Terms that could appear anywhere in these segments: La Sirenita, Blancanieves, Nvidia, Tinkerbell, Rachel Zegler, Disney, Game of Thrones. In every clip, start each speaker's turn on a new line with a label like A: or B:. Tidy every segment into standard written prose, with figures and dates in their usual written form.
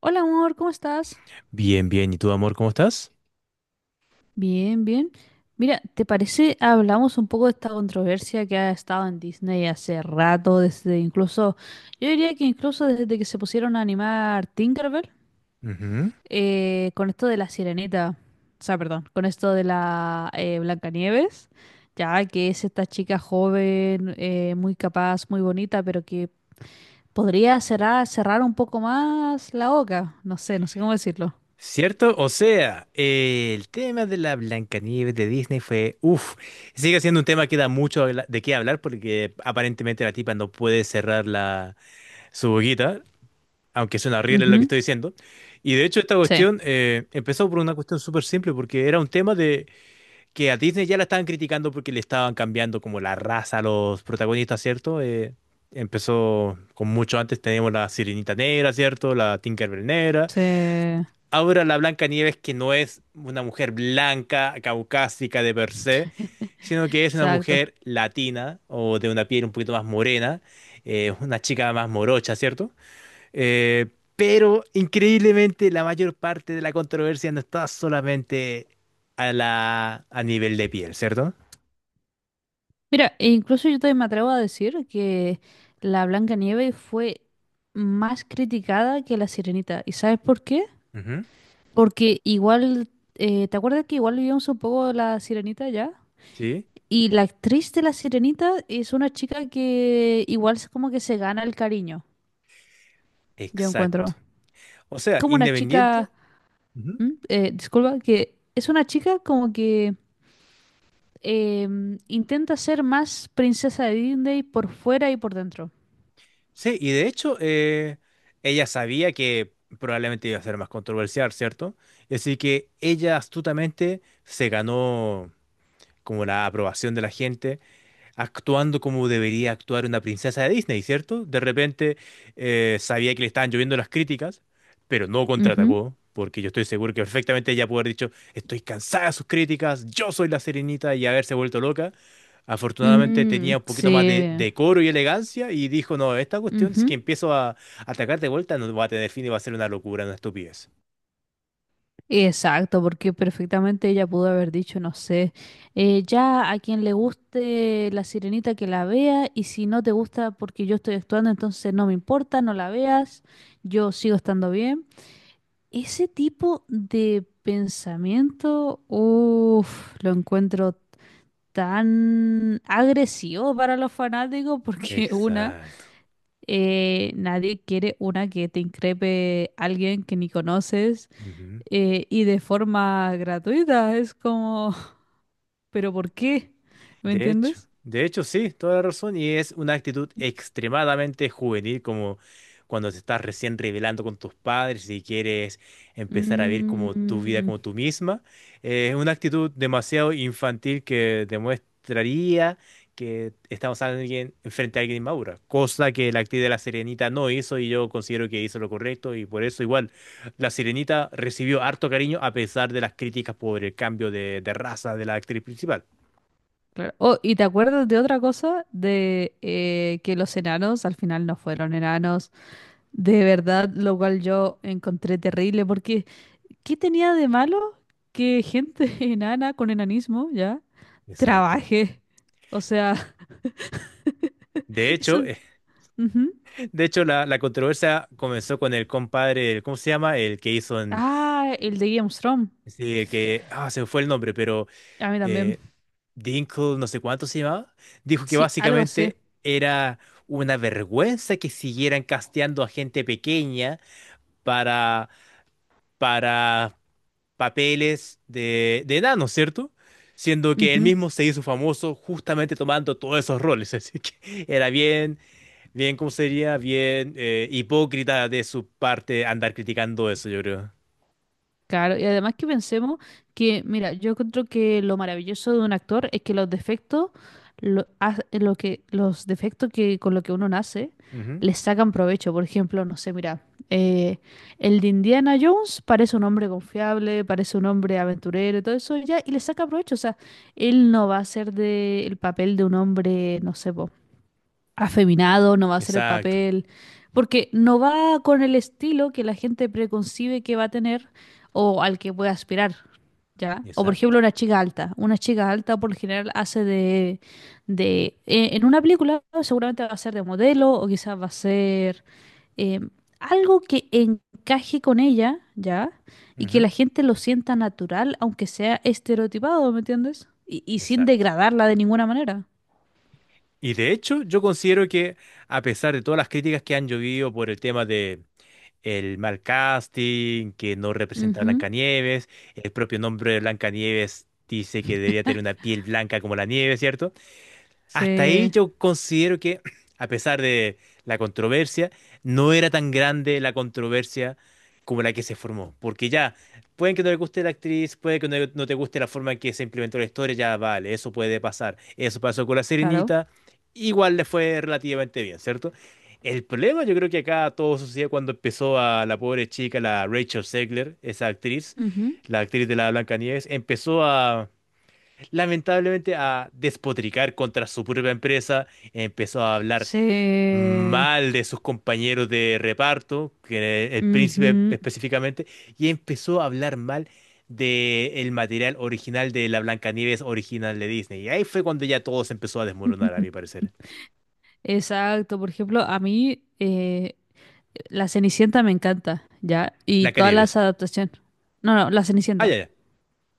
A: Hola amor, ¿cómo estás?
B: Bien, bien. ¿Y tú, amor, cómo estás?
A: Bien, bien. Mira, ¿te parece hablamos un poco de esta controversia que ha estado en Disney hace rato, desde incluso, yo diría que incluso desde que se pusieron a animar Tinkerbell,
B: Ujú.
A: con esto de la Sirenita? O sea, perdón, con esto de la Blancanieves, ya que es esta chica joven, muy capaz, muy bonita, pero que podría cerrar un poco más la boca, no sé, no sé cómo decirlo.
B: ¿Cierto? O sea, el tema de la Blancanieves de Disney fue, uff, sigue siendo un tema que da mucho de qué hablar porque aparentemente la tipa no puede cerrar la, su boquita, aunque suena horrible lo que
A: Ujú.
B: estoy diciendo. Y de hecho esta
A: Sí,
B: cuestión empezó por una cuestión súper simple porque era un tema que a Disney ya la estaban criticando porque le estaban cambiando como la raza a los protagonistas, ¿cierto? Empezó con mucho antes, tenemos la Sirenita Negra, ¿cierto? La Tinkerbell Negra.
A: sí.
B: Ahora la Blanca Nieves, que no es una mujer blanca, caucásica de per se, sino que es una
A: Exacto.
B: mujer latina o de una piel un poquito más morena, una chica más morocha, ¿cierto? Eh, pero increíblemente la mayor parte de la controversia no está solamente a la, a nivel de piel, ¿cierto?
A: Mira, e incluso yo también me atrevo a decir que la Blancanieves fue más criticada que la Sirenita. ¿Y sabes por qué?
B: Ujú,
A: Porque igual, ¿te acuerdas que igual vimos un poco la Sirenita ya?
B: sí,
A: Y la actriz de la Sirenita es una chica que igual es como que se gana el cariño, yo
B: exacto.
A: encuentro.
B: O sea,
A: Como una
B: independiente.
A: chica,
B: Ujú.
A: ¿Mm? Disculpa, que es una chica como que intenta ser más princesa de Disney por fuera y por dentro.
B: Sí, y de hecho, ella sabía que probablemente iba a ser más controversial, ¿cierto? Así que ella astutamente se ganó como la aprobación de la gente actuando como debería actuar una princesa de Disney, ¿cierto? De repente sabía que le estaban lloviendo las críticas, pero no
A: Ujú.
B: contraatacó, porque yo estoy seguro que perfectamente ella pudo haber dicho, estoy cansada de sus críticas, yo soy la Sirenita y haberse vuelto loca. Afortunadamente tenía
A: Mm,
B: un poquito más de
A: sí.
B: decoro y elegancia y dijo, no, esta cuestión, si que
A: Ujú.
B: empiezo a atacar de vuelta, no va a tener fin y va a ser una locura, una estupidez.
A: Exacto, porque perfectamente ella pudo haber dicho, no sé, ya a quien le guste la sirenita que la vea, y si no te gusta porque yo estoy actuando, entonces no me importa, no la veas, yo sigo estando bien. Ese tipo de pensamiento, uff, lo encuentro tan agresivo para los fanáticos porque una...
B: Exacto.
A: nadie quiere una que te increpe alguien que ni conoces
B: Ujú.
A: y de forma gratuita. Es como, ¿pero por qué? ¿Me entiendes?
B: De hecho sí, toda la razón. Y es una actitud extremadamente juvenil, como cuando te estás recién revelando con tus padres y quieres empezar a vivir como tu vida
A: Mm,
B: como tú misma. Es una actitud demasiado infantil que demostraría que estamos alguien, frente a alguien inmadura, cosa que la actriz de La Sirenita no hizo y yo considero que hizo lo correcto y por eso igual La Sirenita recibió harto cariño a pesar de las críticas por el cambio de raza de la actriz principal.
A: claro. Oh, ¿y te acuerdas de otra cosa? De que los enanos al final no fueron enanos. De verdad, lo cual yo encontré terrible porque ¿qué tenía de malo que gente enana con enanismo ya
B: Exacto.
A: trabaje? O sea,
B: De
A: eso...
B: hecho,
A: ujú.
B: de hecho la controversia comenzó con el compadre, ¿cómo se llama? El que hizo en,
A: Ah, el de Game of Thrones.
B: sí, el que, ah, se me fue el nombre, pero
A: A mí también.
B: eh, Dinkle, no sé cuánto se llamaba, dijo que
A: Sí, algo así.
B: básicamente era una vergüenza que siguieran casteando a gente pequeña para, para papeles de enanos, ¿cierto? Siendo que él
A: Ujú.
B: mismo se hizo famoso justamente tomando todos esos roles, así que era bien, bien, ¿cómo sería? Bien hipócrita de su parte andar criticando eso, yo creo.
A: Claro, y además que pensemos que, mira, yo encuentro que lo maravilloso de un actor es que los defectos, lo, ha- lo que, los defectos que con lo que uno nace,
B: Ujú.
A: les sacan provecho. Por ejemplo, no sé, mira, eh, el de Indiana Jones parece un hombre confiable, parece un hombre aventurero, y todo eso ya, y le saca provecho. O sea, él no va a ser de el papel de un hombre, no sé, po, afeminado, no va a hacer el
B: Exacto,
A: papel, porque no va con el estilo que la gente preconcibe que va a tener o al que puede aspirar, ¿ya? O por
B: exacto,
A: ejemplo una chica alta por lo general hace de en una película seguramente va a ser de modelo o quizás va a ser eh, algo que encaje con ella, ¿ya? Y que la
B: ujú,
A: gente lo sienta natural, aunque sea estereotipado, ¿me entiendes? Y sin
B: exacto.
A: degradarla de ninguna manera.
B: Y de hecho, yo considero que a pesar de todas las críticas que han llovido por el tema de el mal casting, que no representa a
A: Ujú.
B: Blancanieves, el propio nombre de Blancanieves dice que debería tener una piel blanca como la nieve, ¿cierto? Hasta ahí
A: Sí.
B: yo considero que, a pesar de la controversia, no era tan grande la controversia como la que se formó. Porque ya, pueden que no le guste la actriz, puede que no, no te guste la forma en que se implementó la historia, ya vale, eso puede pasar. Eso pasó con La
A: Claro.
B: Sirenita, igual le fue relativamente bien, ¿cierto? El problema yo creo que acá todo sucedió cuando empezó a la pobre chica, la Rachel Zegler, esa actriz,
A: Ujú.
B: la actriz de la Blancanieves, empezó a lamentablemente a despotricar contra su propia empresa, empezó a hablar
A: Se...
B: mal de sus compañeros de reparto, que el príncipe
A: ujú.
B: específicamente, y empezó a hablar mal del material original de la Blancanieves original de Disney. Y ahí fue cuando ya todo se empezó a desmoronar, a mi parecer.
A: Exacto. Por ejemplo, a mí la Cenicienta me encanta, ¿ya? Y todas las
B: Blancanieves.
A: adaptaciones. No, no, la
B: Ah, ya,
A: Cenicienta.
B: ya.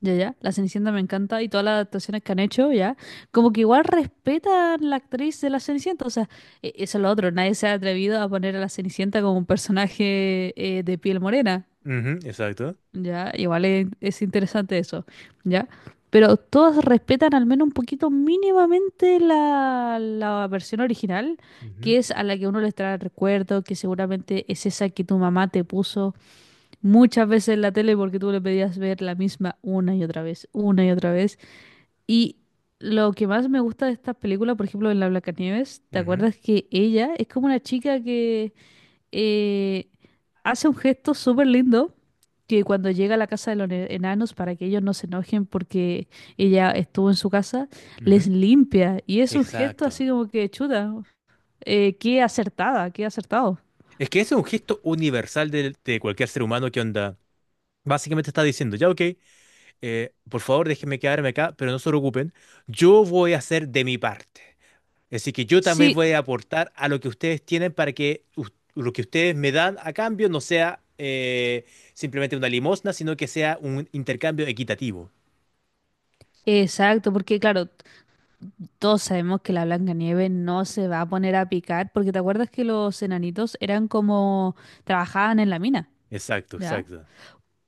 A: Ya, ya. La Cenicienta me encanta y todas las adaptaciones que han hecho, ¿ya? Como que igual respetan la actriz de la Cenicienta. O sea, e- eso es lo otro. Nadie se ha atrevido a poner a la Cenicienta como un personaje de piel morena.
B: Ujú, exacto.
A: Ya, igual es interesante eso, ¿ya? Pero todas respetan al menos un poquito mínimamente la, la versión original,
B: Ujú,
A: que es a la que uno les trae recuerdo, que seguramente es esa que tu mamá te puso muchas veces en la tele porque tú le pedías ver la misma una y otra vez, una y otra vez. Y lo que más me gusta de esta película, por ejemplo, en la Blancanieves, ¿te acuerdas que ella es como una chica eh, hace un gesto súper lindo que cuando llega a la casa de los ne- enanos para que ellos no se enojen porque ella estuvo en su casa,
B: ujú, ujú.
A: les limpia? Y es un gesto
B: Exacto.
A: así como que chuta, qué acertada, qué acertado.
B: Es que ese es un gesto universal de cualquier ser humano que onda. Básicamente está diciendo, ya ok, por favor, déjenme quedarme acá, pero no se preocupen, yo voy a hacer de mi parte. Así que yo también
A: Sí,
B: voy a aportar a lo que ustedes tienen para que lo que ustedes me dan a cambio no sea simplemente una limosna, sino que sea un intercambio equitativo.
A: exacto, porque claro, t- todos sabemos que la Blancanieves no se va a poner a picar, porque te acuerdas que los enanitos eran como trabajaban en la mina,
B: Exacto,
A: ¿ya?
B: exacto.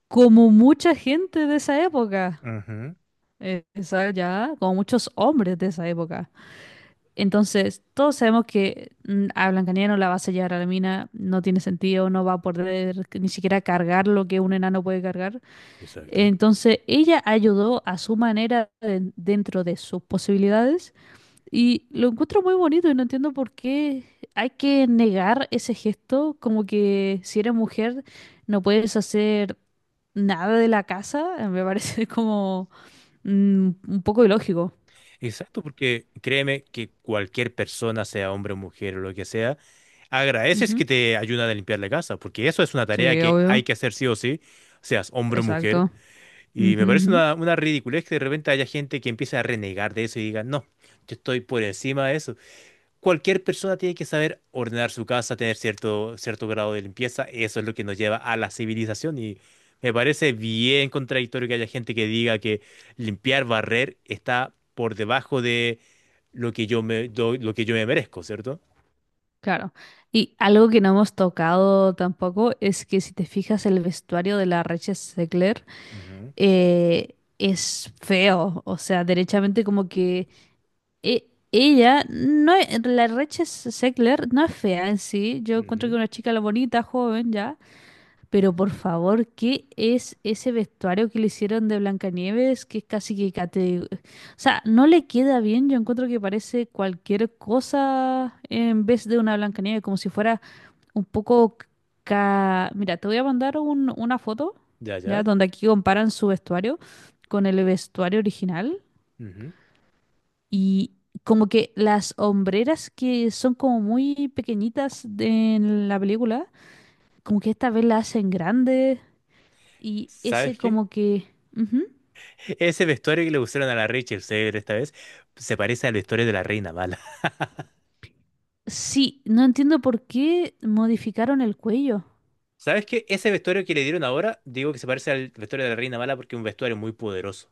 A: Como mucha gente de esa época.
B: Ujú.
A: Eh, esa ya, como muchos hombres de esa época. Entonces, todos sabemos que mm, a Blancanieves no la va a sellar a la mina, no tiene sentido, no va a poder ni siquiera cargar lo que un enano puede cargar.
B: Exacto.
A: Entonces, ella ayudó a su manera de- dentro de sus posibilidades y lo encuentro muy bonito y no entiendo por qué hay que negar ese gesto, como que si eres mujer no puedes hacer nada de la casa, me parece como mm, un poco ilógico.
B: Exacto, porque créeme que cualquier persona, sea hombre o mujer o lo que sea, agradeces que
A: Ujú.
B: te ayudan a limpiar la casa, porque eso es una tarea
A: Sí,
B: que
A: obvio,
B: hay que hacer sí o sí, seas hombre o mujer.
A: exacto.
B: Y
A: Ujú,
B: me parece
A: ujú.
B: una ridiculez que de repente haya gente que empiece a renegar de eso y diga, no, yo estoy por encima de eso. Cualquier persona tiene que saber ordenar su casa, tener cierto, cierto grado de limpieza. Eso es lo que nos lleva a la civilización. Y me parece bien contradictorio que haya gente que diga que limpiar, barrer está por debajo de lo que yo me, lo que yo me merezco, ¿cierto?
A: Claro. Y algo que no hemos tocado tampoco es que si te fijas el vestuario de la Reche Zegler
B: Ujú,
A: es feo, o sea, derechamente como que e- ella, no e- la Reche Zegler no es fea en sí, yo encuentro que
B: ujú.
A: una chica la bonita, joven ya, pero por favor, ¿qué es ese vestuario que le hicieron de Blancanieves? Que es casi que cate... O sea, no le queda bien. Yo encuentro que parece cualquier cosa en vez de una Blancanieves, como si fuera un poco... ca- Mira, te voy a mandar un- una foto,
B: Ya,
A: ¿ya?
B: ya.
A: Donde aquí comparan su vestuario con el vestuario original.
B: Ujú.
A: Y como que las hombreras que son como muy pequeñitas de- en la película, como que esta vez la hacen grande. Y ese
B: ¿Sabes qué?
A: como que... ujú.
B: Ese vestuario que le pusieron a la Rachel Zegler esta vez se parece al vestuario de la Reina Mala.
A: Sí, no entiendo por qué modificaron el cuello.
B: ¿Sabes qué? Ese vestuario que le dieron ahora, digo que se parece al vestuario de la Reina Mala porque es un vestuario muy poderoso.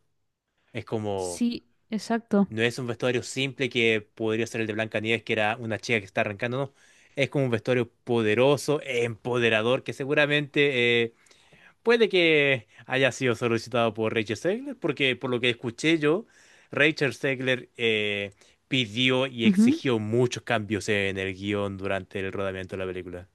B: Es como,
A: Sí, exacto.
B: no es un vestuario simple que podría ser el de Blancanieves, que era una chica que está arrancando, no. Es como un vestuario poderoso, empoderador, que seguramente puede que haya sido solicitado por Rachel Zegler, porque por lo que escuché yo, Rachel Zegler pidió y
A: Ujú.
B: exigió muchos cambios en el guión durante el rodamiento de la película.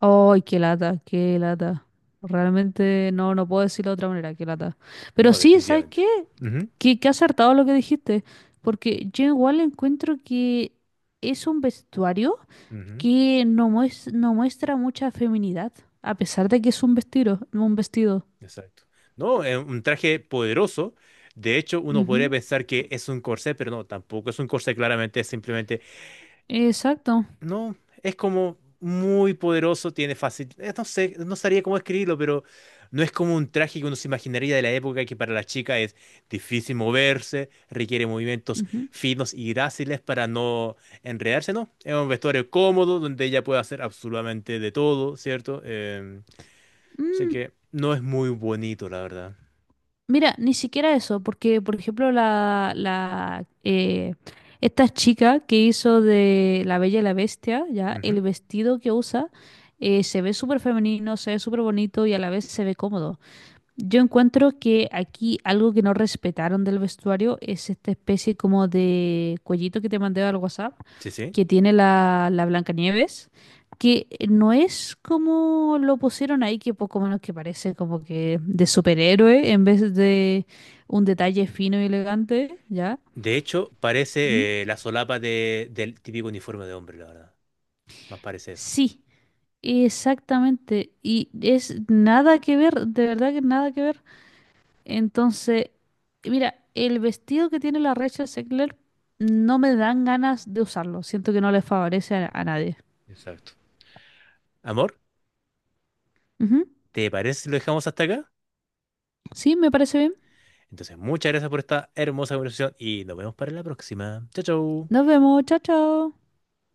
A: Ay, qué lata, qué lata. Realmente no, no puedo decirlo de otra manera, qué lata. Pero
B: No,
A: sí, ¿sabes
B: definitivamente.
A: qué?
B: Ujú,
A: Que acertado lo que dijiste. Porque yo igual encuentro que es un vestuario
B: ujú,
A: que no, mues- no muestra mucha feminidad. A pesar de que es un vestido, un vestido.
B: exacto. No, es un traje poderoso. De hecho, uno podría
A: Ujú.
B: pensar que es un corsé, pero no, tampoco es un corsé, claramente es simplemente
A: Exacto.
B: no, es como muy poderoso, tiene fácil. No sé, no sabría cómo escribirlo, pero no es como un traje que uno se imaginaría de la época que para la chica es difícil moverse, requiere movimientos
A: Ujú.
B: finos y gráciles para no enredarse, ¿no? Es un vestuario cómodo donde ella puede hacer absolutamente de todo, ¿cierto? Sé
A: Mm,
B: que no es muy bonito, la verdad.
A: mira, ni siquiera eso, porque por ejemplo la, la esta chica que hizo de La Bella y la Bestia, ya,
B: Ujú.
A: el vestido que usa se ve súper femenino, se ve súper bonito y a la vez se ve cómodo. Yo encuentro que aquí algo que no respetaron del vestuario es esta especie como de cuellito que te mandé al WhatsApp,
B: Sí, sí.
A: que tiene la, la Blancanieves, que no es como lo pusieron ahí, que poco menos que parece como que de superhéroe en vez de un detalle fino y elegante, ¿ya?
B: De hecho,
A: ¿Mm?
B: parece la solapa del típico uniforme de hombre, la verdad. Más parece eso.
A: Sí, exactamente. Y es nada que ver, de verdad que nada que ver. Entonces, mira, el vestido que tiene la Rachel Zegler no me dan ganas de usarlo. Siento que no le favorece a nadie.
B: Exacto. Amor,
A: Ujú.
B: ¿te parece si lo dejamos hasta acá?
A: Sí, me parece bien.
B: Entonces, muchas gracias por esta hermosa conversación y nos vemos para la próxima. Chao, chao.
A: Nos vemos. Chao, chao.